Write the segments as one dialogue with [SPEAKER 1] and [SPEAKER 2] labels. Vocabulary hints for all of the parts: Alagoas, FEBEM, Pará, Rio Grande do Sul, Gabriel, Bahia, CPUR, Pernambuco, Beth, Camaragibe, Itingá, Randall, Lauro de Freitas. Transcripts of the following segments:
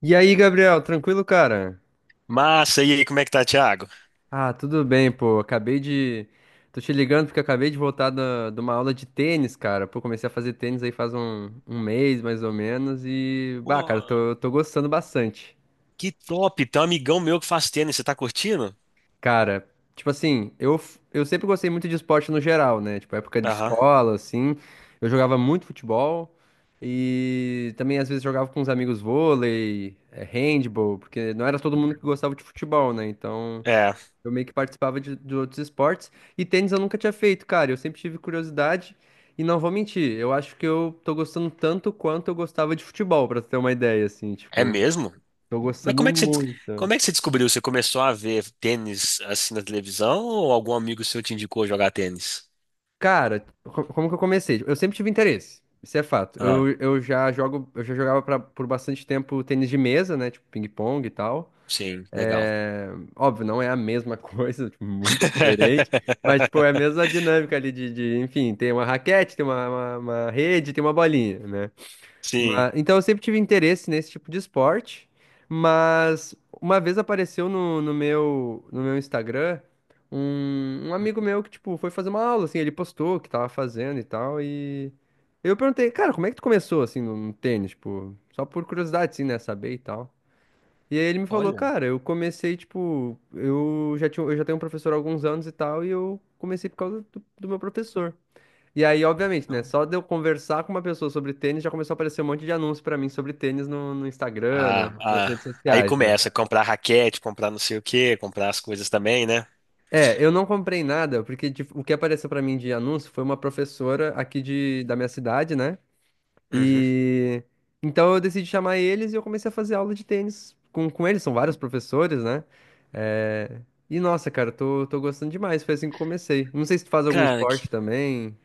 [SPEAKER 1] E aí, Gabriel, tranquilo, cara?
[SPEAKER 2] Massa, e aí, como é que tá, Thiago?
[SPEAKER 1] Ah, tudo bem, pô. Acabei de. Tô te ligando porque eu acabei de voltar de uma aula de tênis, cara. Pô, comecei a fazer tênis aí faz um mês, mais ou menos, e. Bah, cara,
[SPEAKER 2] Pô,
[SPEAKER 1] tô gostando bastante.
[SPEAKER 2] que top! Tem um amigão meu que faz tênis, você tá curtindo?
[SPEAKER 1] Cara, tipo assim, eu sempre gostei muito de esporte no geral, né? Tipo, época de
[SPEAKER 2] Aham.
[SPEAKER 1] escola, assim. Eu jogava muito futebol e também às vezes jogava com os amigos vôlei, handball, porque não era todo mundo que gostava de futebol, né? Então.
[SPEAKER 2] É,
[SPEAKER 1] Eu meio que participava de outros esportes. E tênis eu nunca tinha feito, cara. Eu sempre tive curiosidade. E não vou mentir, eu acho que eu tô gostando tanto quanto eu gostava de futebol, pra tu ter uma ideia, assim,
[SPEAKER 2] é
[SPEAKER 1] tipo,
[SPEAKER 2] mesmo?
[SPEAKER 1] tô
[SPEAKER 2] Mas
[SPEAKER 1] gostando muito.
[SPEAKER 2] como é que você descobriu? Você começou a ver tênis assim na televisão ou algum amigo seu te indicou jogar tênis?
[SPEAKER 1] Cara, como que eu comecei? Eu sempre tive interesse, isso é fato. Eu,
[SPEAKER 2] Ah,
[SPEAKER 1] eu já jogo, eu já jogava por bastante tempo tênis de mesa, né? Tipo, ping-pong e tal.
[SPEAKER 2] sim, legal.
[SPEAKER 1] É, óbvio, não é a mesma coisa, tipo, muito diferente, mas tipo, é a mesma dinâmica ali de, enfim, tem uma raquete, tem uma rede, tem uma bolinha, né?
[SPEAKER 2] Sim.
[SPEAKER 1] Mas, então eu sempre tive interesse nesse tipo de esporte, mas uma vez apareceu no meu Instagram um amigo meu que, tipo, foi fazer uma aula, assim, ele postou o que tava fazendo e tal, e eu perguntei, cara, como é que tu começou, assim, no tênis, tipo, só por curiosidade, assim, né, saber e tal. E aí ele me falou,
[SPEAKER 2] Olha.
[SPEAKER 1] cara, eu comecei, tipo, eu já tenho um professor há alguns anos e tal, e eu comecei por causa do meu professor. E aí, obviamente, né,
[SPEAKER 2] Não.
[SPEAKER 1] só de eu conversar com uma pessoa sobre tênis, já começou a aparecer um monte de anúncio pra mim sobre tênis no Instagram,
[SPEAKER 2] Ah,
[SPEAKER 1] nas
[SPEAKER 2] ah,
[SPEAKER 1] redes
[SPEAKER 2] aí
[SPEAKER 1] sociais, né?
[SPEAKER 2] começa a comprar raquete, comprar não sei o quê, comprar as coisas também, né?
[SPEAKER 1] É, eu não comprei nada, porque tipo, o que apareceu pra mim de anúncio foi uma professora aqui da minha cidade, né?
[SPEAKER 2] Uhum.
[SPEAKER 1] E então eu decidi chamar eles e eu comecei a fazer aula de tênis com eles, são vários professores, né? É, e nossa, cara, eu tô gostando demais, foi assim que eu comecei. Não sei se tu faz algum
[SPEAKER 2] Cara,
[SPEAKER 1] esporte também.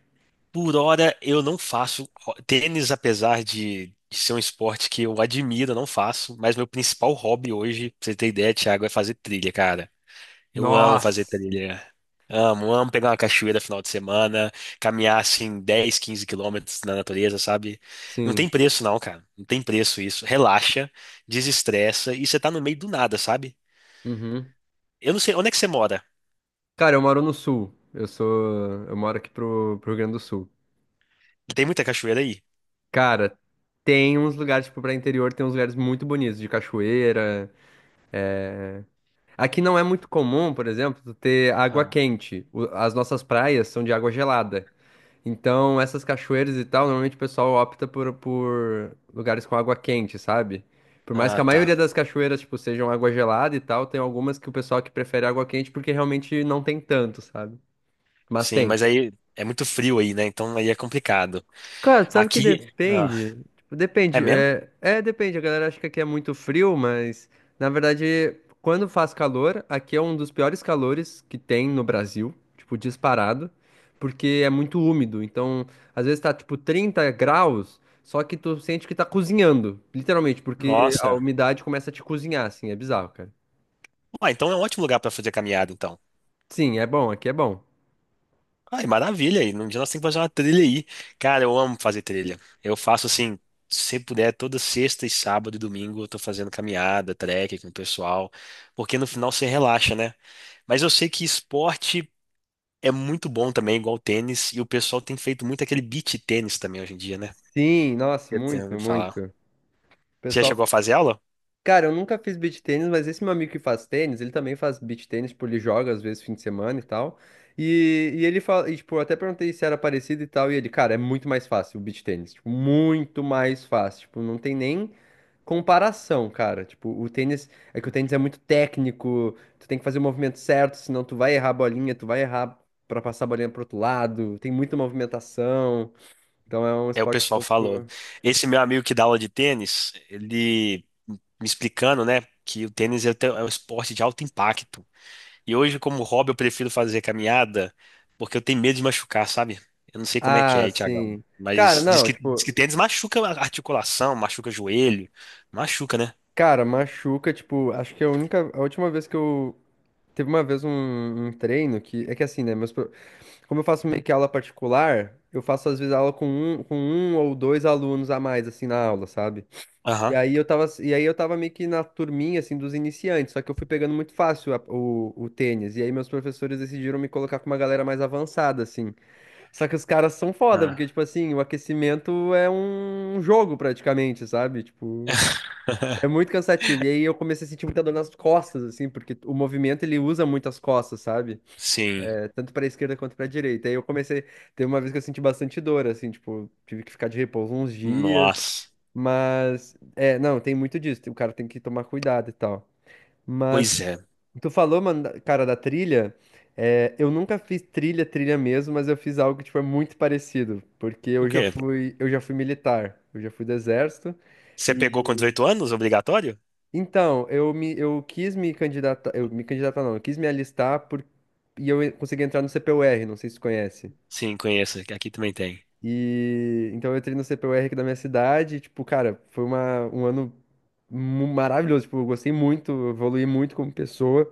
[SPEAKER 2] por hora, eu não faço tênis, apesar de ser um esporte que eu admiro, eu não faço. Mas meu principal hobby hoje, pra você ter ideia, Thiago, é fazer trilha, cara. Eu amo fazer
[SPEAKER 1] Nossa!
[SPEAKER 2] trilha. Amo, amo pegar uma cachoeira final de semana, caminhar assim 10, 15 quilômetros na natureza, sabe? Não tem
[SPEAKER 1] Sim.
[SPEAKER 2] preço, não, cara. Não tem preço isso. Relaxa, desestressa e você tá no meio do nada, sabe?
[SPEAKER 1] Uhum.
[SPEAKER 2] Eu não sei, onde é que você mora?
[SPEAKER 1] Cara, eu moro no sul. Eu sou. Eu moro aqui pro Rio Grande do Sul.
[SPEAKER 2] Tem muita cachoeira aí?
[SPEAKER 1] Cara, tem uns lugares, tipo, pra interior, tem uns lugares muito bonitos, de cachoeira. Aqui não é muito comum, por exemplo, tu ter água
[SPEAKER 2] Ah,
[SPEAKER 1] quente. As nossas praias são de água gelada. Então, essas cachoeiras e tal, normalmente o pessoal opta por lugares com água quente, sabe? Por mais que
[SPEAKER 2] ah,
[SPEAKER 1] a
[SPEAKER 2] tá.
[SPEAKER 1] maioria das cachoeiras, tipo, sejam água gelada e tal, tem algumas que o pessoal que prefere água quente porque realmente não tem tanto, sabe? Mas
[SPEAKER 2] Sim,
[SPEAKER 1] tem.
[SPEAKER 2] mas aí é muito frio aí, né? Então aí é complicado.
[SPEAKER 1] Cara, sabe que
[SPEAKER 2] Aqui, ah,
[SPEAKER 1] depende? Tipo,
[SPEAKER 2] é
[SPEAKER 1] depende.
[SPEAKER 2] mesmo?
[SPEAKER 1] É, depende. A galera acha que aqui é muito frio, mas na verdade, quando faz calor, aqui é um dos piores calores que tem no Brasil, tipo, disparado, porque é muito úmido. Então, às vezes tá tipo 30 graus, só que tu sente que tá cozinhando, literalmente, porque a
[SPEAKER 2] Nossa.
[SPEAKER 1] umidade começa a te cozinhar, assim, é bizarro, cara.
[SPEAKER 2] Ah, então é um ótimo lugar pra fazer caminhada, então.
[SPEAKER 1] Sim, é bom, aqui é bom.
[SPEAKER 2] Ai, maravilha. E num dia nós temos que fazer uma trilha aí. Cara, eu amo fazer trilha. Eu faço assim, se puder, toda sexta e sábado e domingo eu tô fazendo caminhada, trek com o pessoal, porque no final você relaxa, né? Mas eu sei que esporte é muito bom também, igual tênis, e o pessoal tem feito muito aquele beach tênis também hoje em dia, né?
[SPEAKER 1] Sim, nossa,
[SPEAKER 2] Eu tenho
[SPEAKER 1] muito,
[SPEAKER 2] ouvido falar.
[SPEAKER 1] muito. O
[SPEAKER 2] Você já chegou
[SPEAKER 1] pessoal.
[SPEAKER 2] a fazer aula?
[SPEAKER 1] Cara, eu nunca fiz beach tênis, mas esse meu amigo que faz tênis, ele também faz beach tênis, tipo, ele joga às vezes fim de semana e tal. E ele fala, e, tipo, eu até perguntei se era parecido e tal, e ele, cara, é muito mais fácil o beach tênis, tipo, muito mais fácil, tipo, não tem nem comparação, cara. Tipo, o tênis, é que o tênis é muito técnico, tu tem que fazer o movimento certo, senão tu vai errar a bolinha, tu vai errar pra passar a bolinha pro outro lado, tem muita movimentação. Então é um
[SPEAKER 2] É, o
[SPEAKER 1] esporte um
[SPEAKER 2] pessoal falou.
[SPEAKER 1] pouco.
[SPEAKER 2] Esse meu amigo que dá aula de tênis, ele me explicando, né, que o tênis é um esporte de alto impacto. E hoje, como hobby, eu prefiro fazer caminhada porque eu tenho medo de machucar, sabe? Eu não sei como é que é
[SPEAKER 1] Ah,
[SPEAKER 2] aí, Thiagão.
[SPEAKER 1] sim. Cara,
[SPEAKER 2] Mas diz
[SPEAKER 1] não,
[SPEAKER 2] que, diz
[SPEAKER 1] tipo.
[SPEAKER 2] que tênis machuca a articulação, machuca joelho. Machuca, né?
[SPEAKER 1] Cara, machuca, tipo, acho que é a única, a última vez que eu teve uma vez um treino que é que assim, né, como eu faço meio que aula particular, eu faço às vezes aula com um ou dois alunos a mais assim na aula, sabe?
[SPEAKER 2] Aham.
[SPEAKER 1] E aí eu tava meio que na turminha assim dos iniciantes, só que eu fui pegando muito fácil o tênis, e aí meus professores decidiram me colocar com uma galera mais avançada assim. Só que os caras são foda, porque
[SPEAKER 2] Ah.
[SPEAKER 1] tipo assim, o aquecimento é um jogo praticamente, sabe? Tipo, é muito cansativo. E aí eu comecei a sentir muita dor nas costas, assim, porque o movimento ele usa muito as costas, sabe?
[SPEAKER 2] Sim.
[SPEAKER 1] É, tanto pra esquerda quanto pra direita. Aí eu comecei. Teve uma vez que eu senti bastante dor, assim, tipo, tive que ficar de repouso uns dias.
[SPEAKER 2] Nossa.
[SPEAKER 1] Mas, é, não, tem muito disso. O cara tem que tomar cuidado e tal. Mas,
[SPEAKER 2] Pois é.
[SPEAKER 1] tu falou, mano, cara, da trilha. É, eu nunca fiz trilha, trilha mesmo, mas eu fiz algo que, tipo, é muito parecido. Porque
[SPEAKER 2] O
[SPEAKER 1] eu já
[SPEAKER 2] quê?
[SPEAKER 1] fui, eu já fui militar. Eu já fui do exército.
[SPEAKER 2] Você pegou com 18 anos, obrigatório?
[SPEAKER 1] Então, eu quis me candidatar, eu me candidatar não, eu quis me alistar por, e eu consegui entrar no CPUR, não sei se você conhece.
[SPEAKER 2] Sim, conheço. Aqui também tem.
[SPEAKER 1] E então eu entrei no CPUR aqui da minha cidade, e, tipo, cara, foi um ano maravilhoso, tipo, eu gostei muito, eu evoluí muito como pessoa.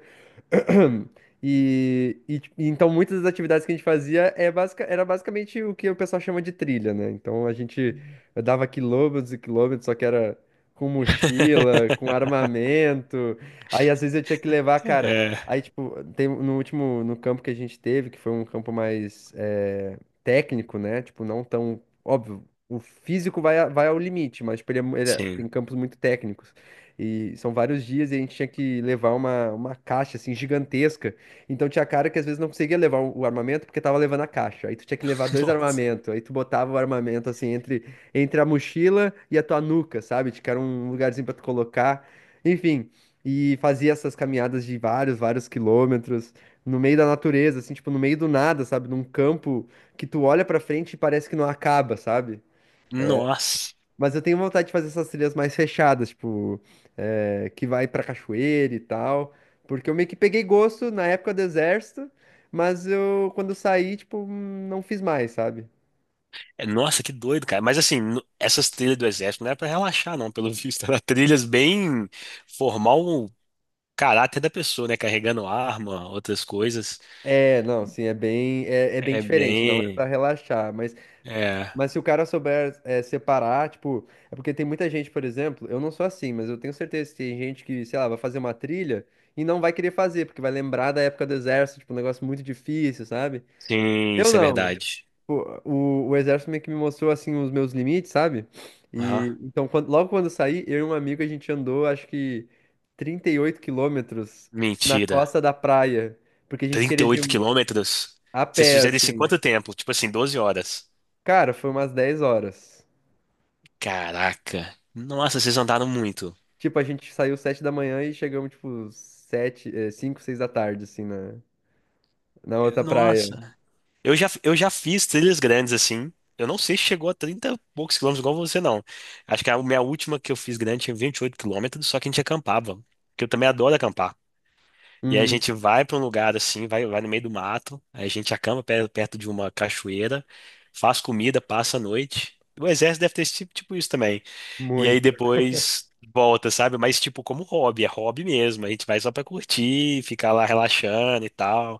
[SPEAKER 1] E, tipo, então muitas das atividades que a gente fazia era basicamente o que o pessoal chama de trilha, né? Então a gente dava quilômetros e quilômetros, só que era com mochila, com armamento. Aí às vezes eu tinha que levar, cara.
[SPEAKER 2] É.
[SPEAKER 1] Aí, tipo, tem, no campo que a gente teve, que foi um campo mais técnico, né? Tipo, não tão. Óbvio, o físico vai, vai ao limite, mas tipo, ele é mu- ele é-
[SPEAKER 2] Sim.
[SPEAKER 1] tem campos muito técnicos. E são vários dias e a gente tinha que levar uma caixa, assim, gigantesca. Então tinha cara que às vezes não conseguia levar o armamento porque tava levando a caixa. Aí tu tinha que levar dois
[SPEAKER 2] Nossa.
[SPEAKER 1] armamentos. Aí tu botava o armamento, assim, entre a mochila e a tua nuca, sabe? Tipo, era um lugarzinho pra tu colocar. Enfim, e fazia essas caminhadas de vários, vários quilômetros no meio da natureza, assim, tipo, no meio do nada, sabe? Num campo que tu olha pra frente e parece que não acaba, sabe?
[SPEAKER 2] Nossa.
[SPEAKER 1] Mas eu tenho vontade de fazer essas trilhas mais fechadas, tipo, que vai pra cachoeira e tal. Porque eu meio que peguei gosto na época do exército, mas eu, quando eu saí, tipo, não fiz mais, sabe?
[SPEAKER 2] É, nossa, que doido, cara. Mas assim, essas trilhas do exército não era pra relaxar, não, pelo visto. Era trilhas bem, formar o caráter da pessoa, né? Carregando arma, outras coisas.
[SPEAKER 1] É, não, sim, é bem, é bem
[SPEAKER 2] É
[SPEAKER 1] diferente, não é pra
[SPEAKER 2] bem.
[SPEAKER 1] relaxar, mas,
[SPEAKER 2] É.
[SPEAKER 1] mas se o cara souber separar, tipo, é porque tem muita gente, por exemplo, eu não sou assim, mas eu tenho certeza que tem gente que, sei lá, vai fazer uma trilha e não vai querer fazer, porque vai lembrar da época do exército, tipo, um negócio muito difícil, sabe?
[SPEAKER 2] Sim,
[SPEAKER 1] Eu
[SPEAKER 2] isso é
[SPEAKER 1] não.
[SPEAKER 2] verdade.
[SPEAKER 1] Pô, o exército meio que me mostrou assim os meus limites, sabe?
[SPEAKER 2] Aham.
[SPEAKER 1] E então logo quando eu saí, eu e um amigo a gente andou acho que 38 quilômetros na
[SPEAKER 2] Mentira.
[SPEAKER 1] costa da praia, porque a gente
[SPEAKER 2] trinta e
[SPEAKER 1] queria de
[SPEAKER 2] oito
[SPEAKER 1] um,
[SPEAKER 2] quilômetros?
[SPEAKER 1] a
[SPEAKER 2] Vocês
[SPEAKER 1] pé
[SPEAKER 2] fizeram isso em
[SPEAKER 1] assim.
[SPEAKER 2] quanto tempo? Tipo assim, 12 horas.
[SPEAKER 1] Cara, foi umas 10 horas.
[SPEAKER 2] Caraca. Nossa, vocês andaram muito.
[SPEAKER 1] Tipo, a gente saiu 7 da manhã e chegamos tipo 7, 5, 6 da tarde assim na outra praia.
[SPEAKER 2] Nossa. Eu já fiz trilhas grandes assim. Eu não sei se chegou a 30 e poucos quilômetros igual você, não. Acho que a minha última que eu fiz grande tinha 28 quilômetros, só que a gente acampava. Porque eu também adoro acampar. E aí a
[SPEAKER 1] Uhum,
[SPEAKER 2] gente vai para um lugar assim, vai no meio do mato, aí a gente acampa perto de uma cachoeira, faz comida, passa a noite. O exército deve ter esse tipo, isso também. E aí
[SPEAKER 1] muito.
[SPEAKER 2] depois volta, sabe? Mas tipo como hobby, é hobby mesmo. A gente vai só pra curtir, ficar lá relaxando e tal.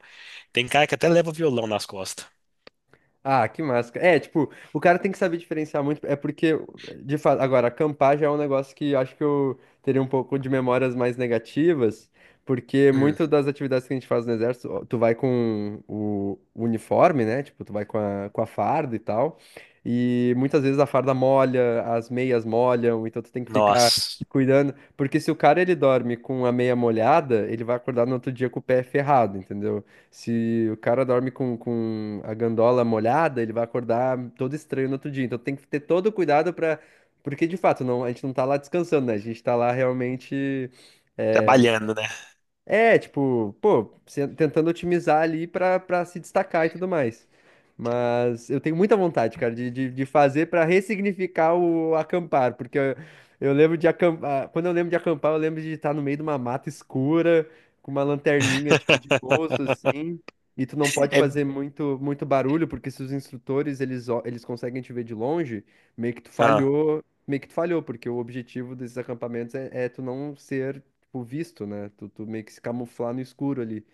[SPEAKER 2] Tem cara que até leva violão nas costas.
[SPEAKER 1] Ah, que máscara. É, tipo, o cara tem que saber diferenciar muito. É porque, de fato, agora, acampar já é um negócio que acho que eu teria um pouco de memórias mais negativas, porque muito das atividades que a gente faz no exército, ó, tu vai com o uniforme, né? Tipo, tu vai com a farda e tal. E muitas vezes a farda molha, as meias molham, então tu tem que ficar
[SPEAKER 2] Nossa,
[SPEAKER 1] cuidando. Porque se o cara ele dorme com a meia molhada, ele vai acordar no outro dia com o pé ferrado, entendeu? Se o cara dorme com a gandola molhada, ele vai acordar todo estranho no outro dia. Então tem que ter todo o cuidado para. Porque de fato, não, a gente não tá lá descansando, né? A gente tá lá realmente.
[SPEAKER 2] trabalhando, né?
[SPEAKER 1] É, tipo, pô, tentando otimizar ali pra se destacar e tudo mais. Mas eu tenho muita vontade, cara, de fazer pra ressignificar o acampar, porque eu lembro de acampar, quando eu lembro de acampar, eu lembro de estar no meio de uma mata escura, com uma lanterninha tipo de bolso assim, e tu não pode
[SPEAKER 2] É.
[SPEAKER 1] fazer muito muito barulho, porque se os instrutores eles conseguem te ver de longe, meio que tu
[SPEAKER 2] Ah,
[SPEAKER 1] falhou, meio que tu falhou, porque o objetivo desses acampamentos é tu não ser o visto, né? Tu meio que se camuflar no escuro ali.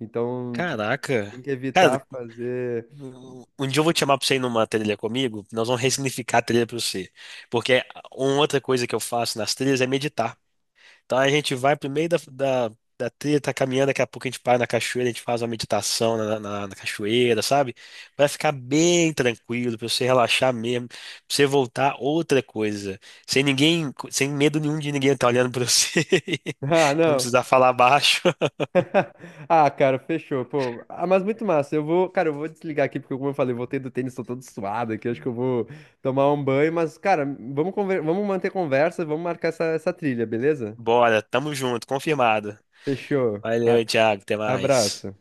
[SPEAKER 1] Então, tu
[SPEAKER 2] caraca.
[SPEAKER 1] tem que
[SPEAKER 2] Cara,
[SPEAKER 1] evitar fazer.
[SPEAKER 2] um dia eu vou te chamar pra você ir numa trilha comigo, nós vamos ressignificar a trilha pra você. Porque uma outra coisa que eu faço nas trilhas é meditar. Então a gente vai pro meio da trilha, tá caminhando, daqui a pouco a gente para na cachoeira, a gente faz uma meditação na cachoeira, sabe? Vai ficar bem tranquilo, pra você relaxar mesmo, pra você voltar outra coisa. Sem ninguém, sem medo nenhum de ninguém estar olhando pra você.
[SPEAKER 1] Ah,
[SPEAKER 2] Não
[SPEAKER 1] não.
[SPEAKER 2] precisar falar baixo.
[SPEAKER 1] Ah, cara, fechou, pô. Ah, mas muito massa. Eu vou, cara, eu vou desligar aqui, porque como eu falei, eu voltei do tênis, tô todo suado aqui, acho que eu vou tomar um banho, mas, cara, vamos manter conversa, vamos marcar essa trilha, beleza?
[SPEAKER 2] Bora, tamo junto, confirmado.
[SPEAKER 1] Fechou.
[SPEAKER 2] Valeu, Thiago, até mais.
[SPEAKER 1] Abraço.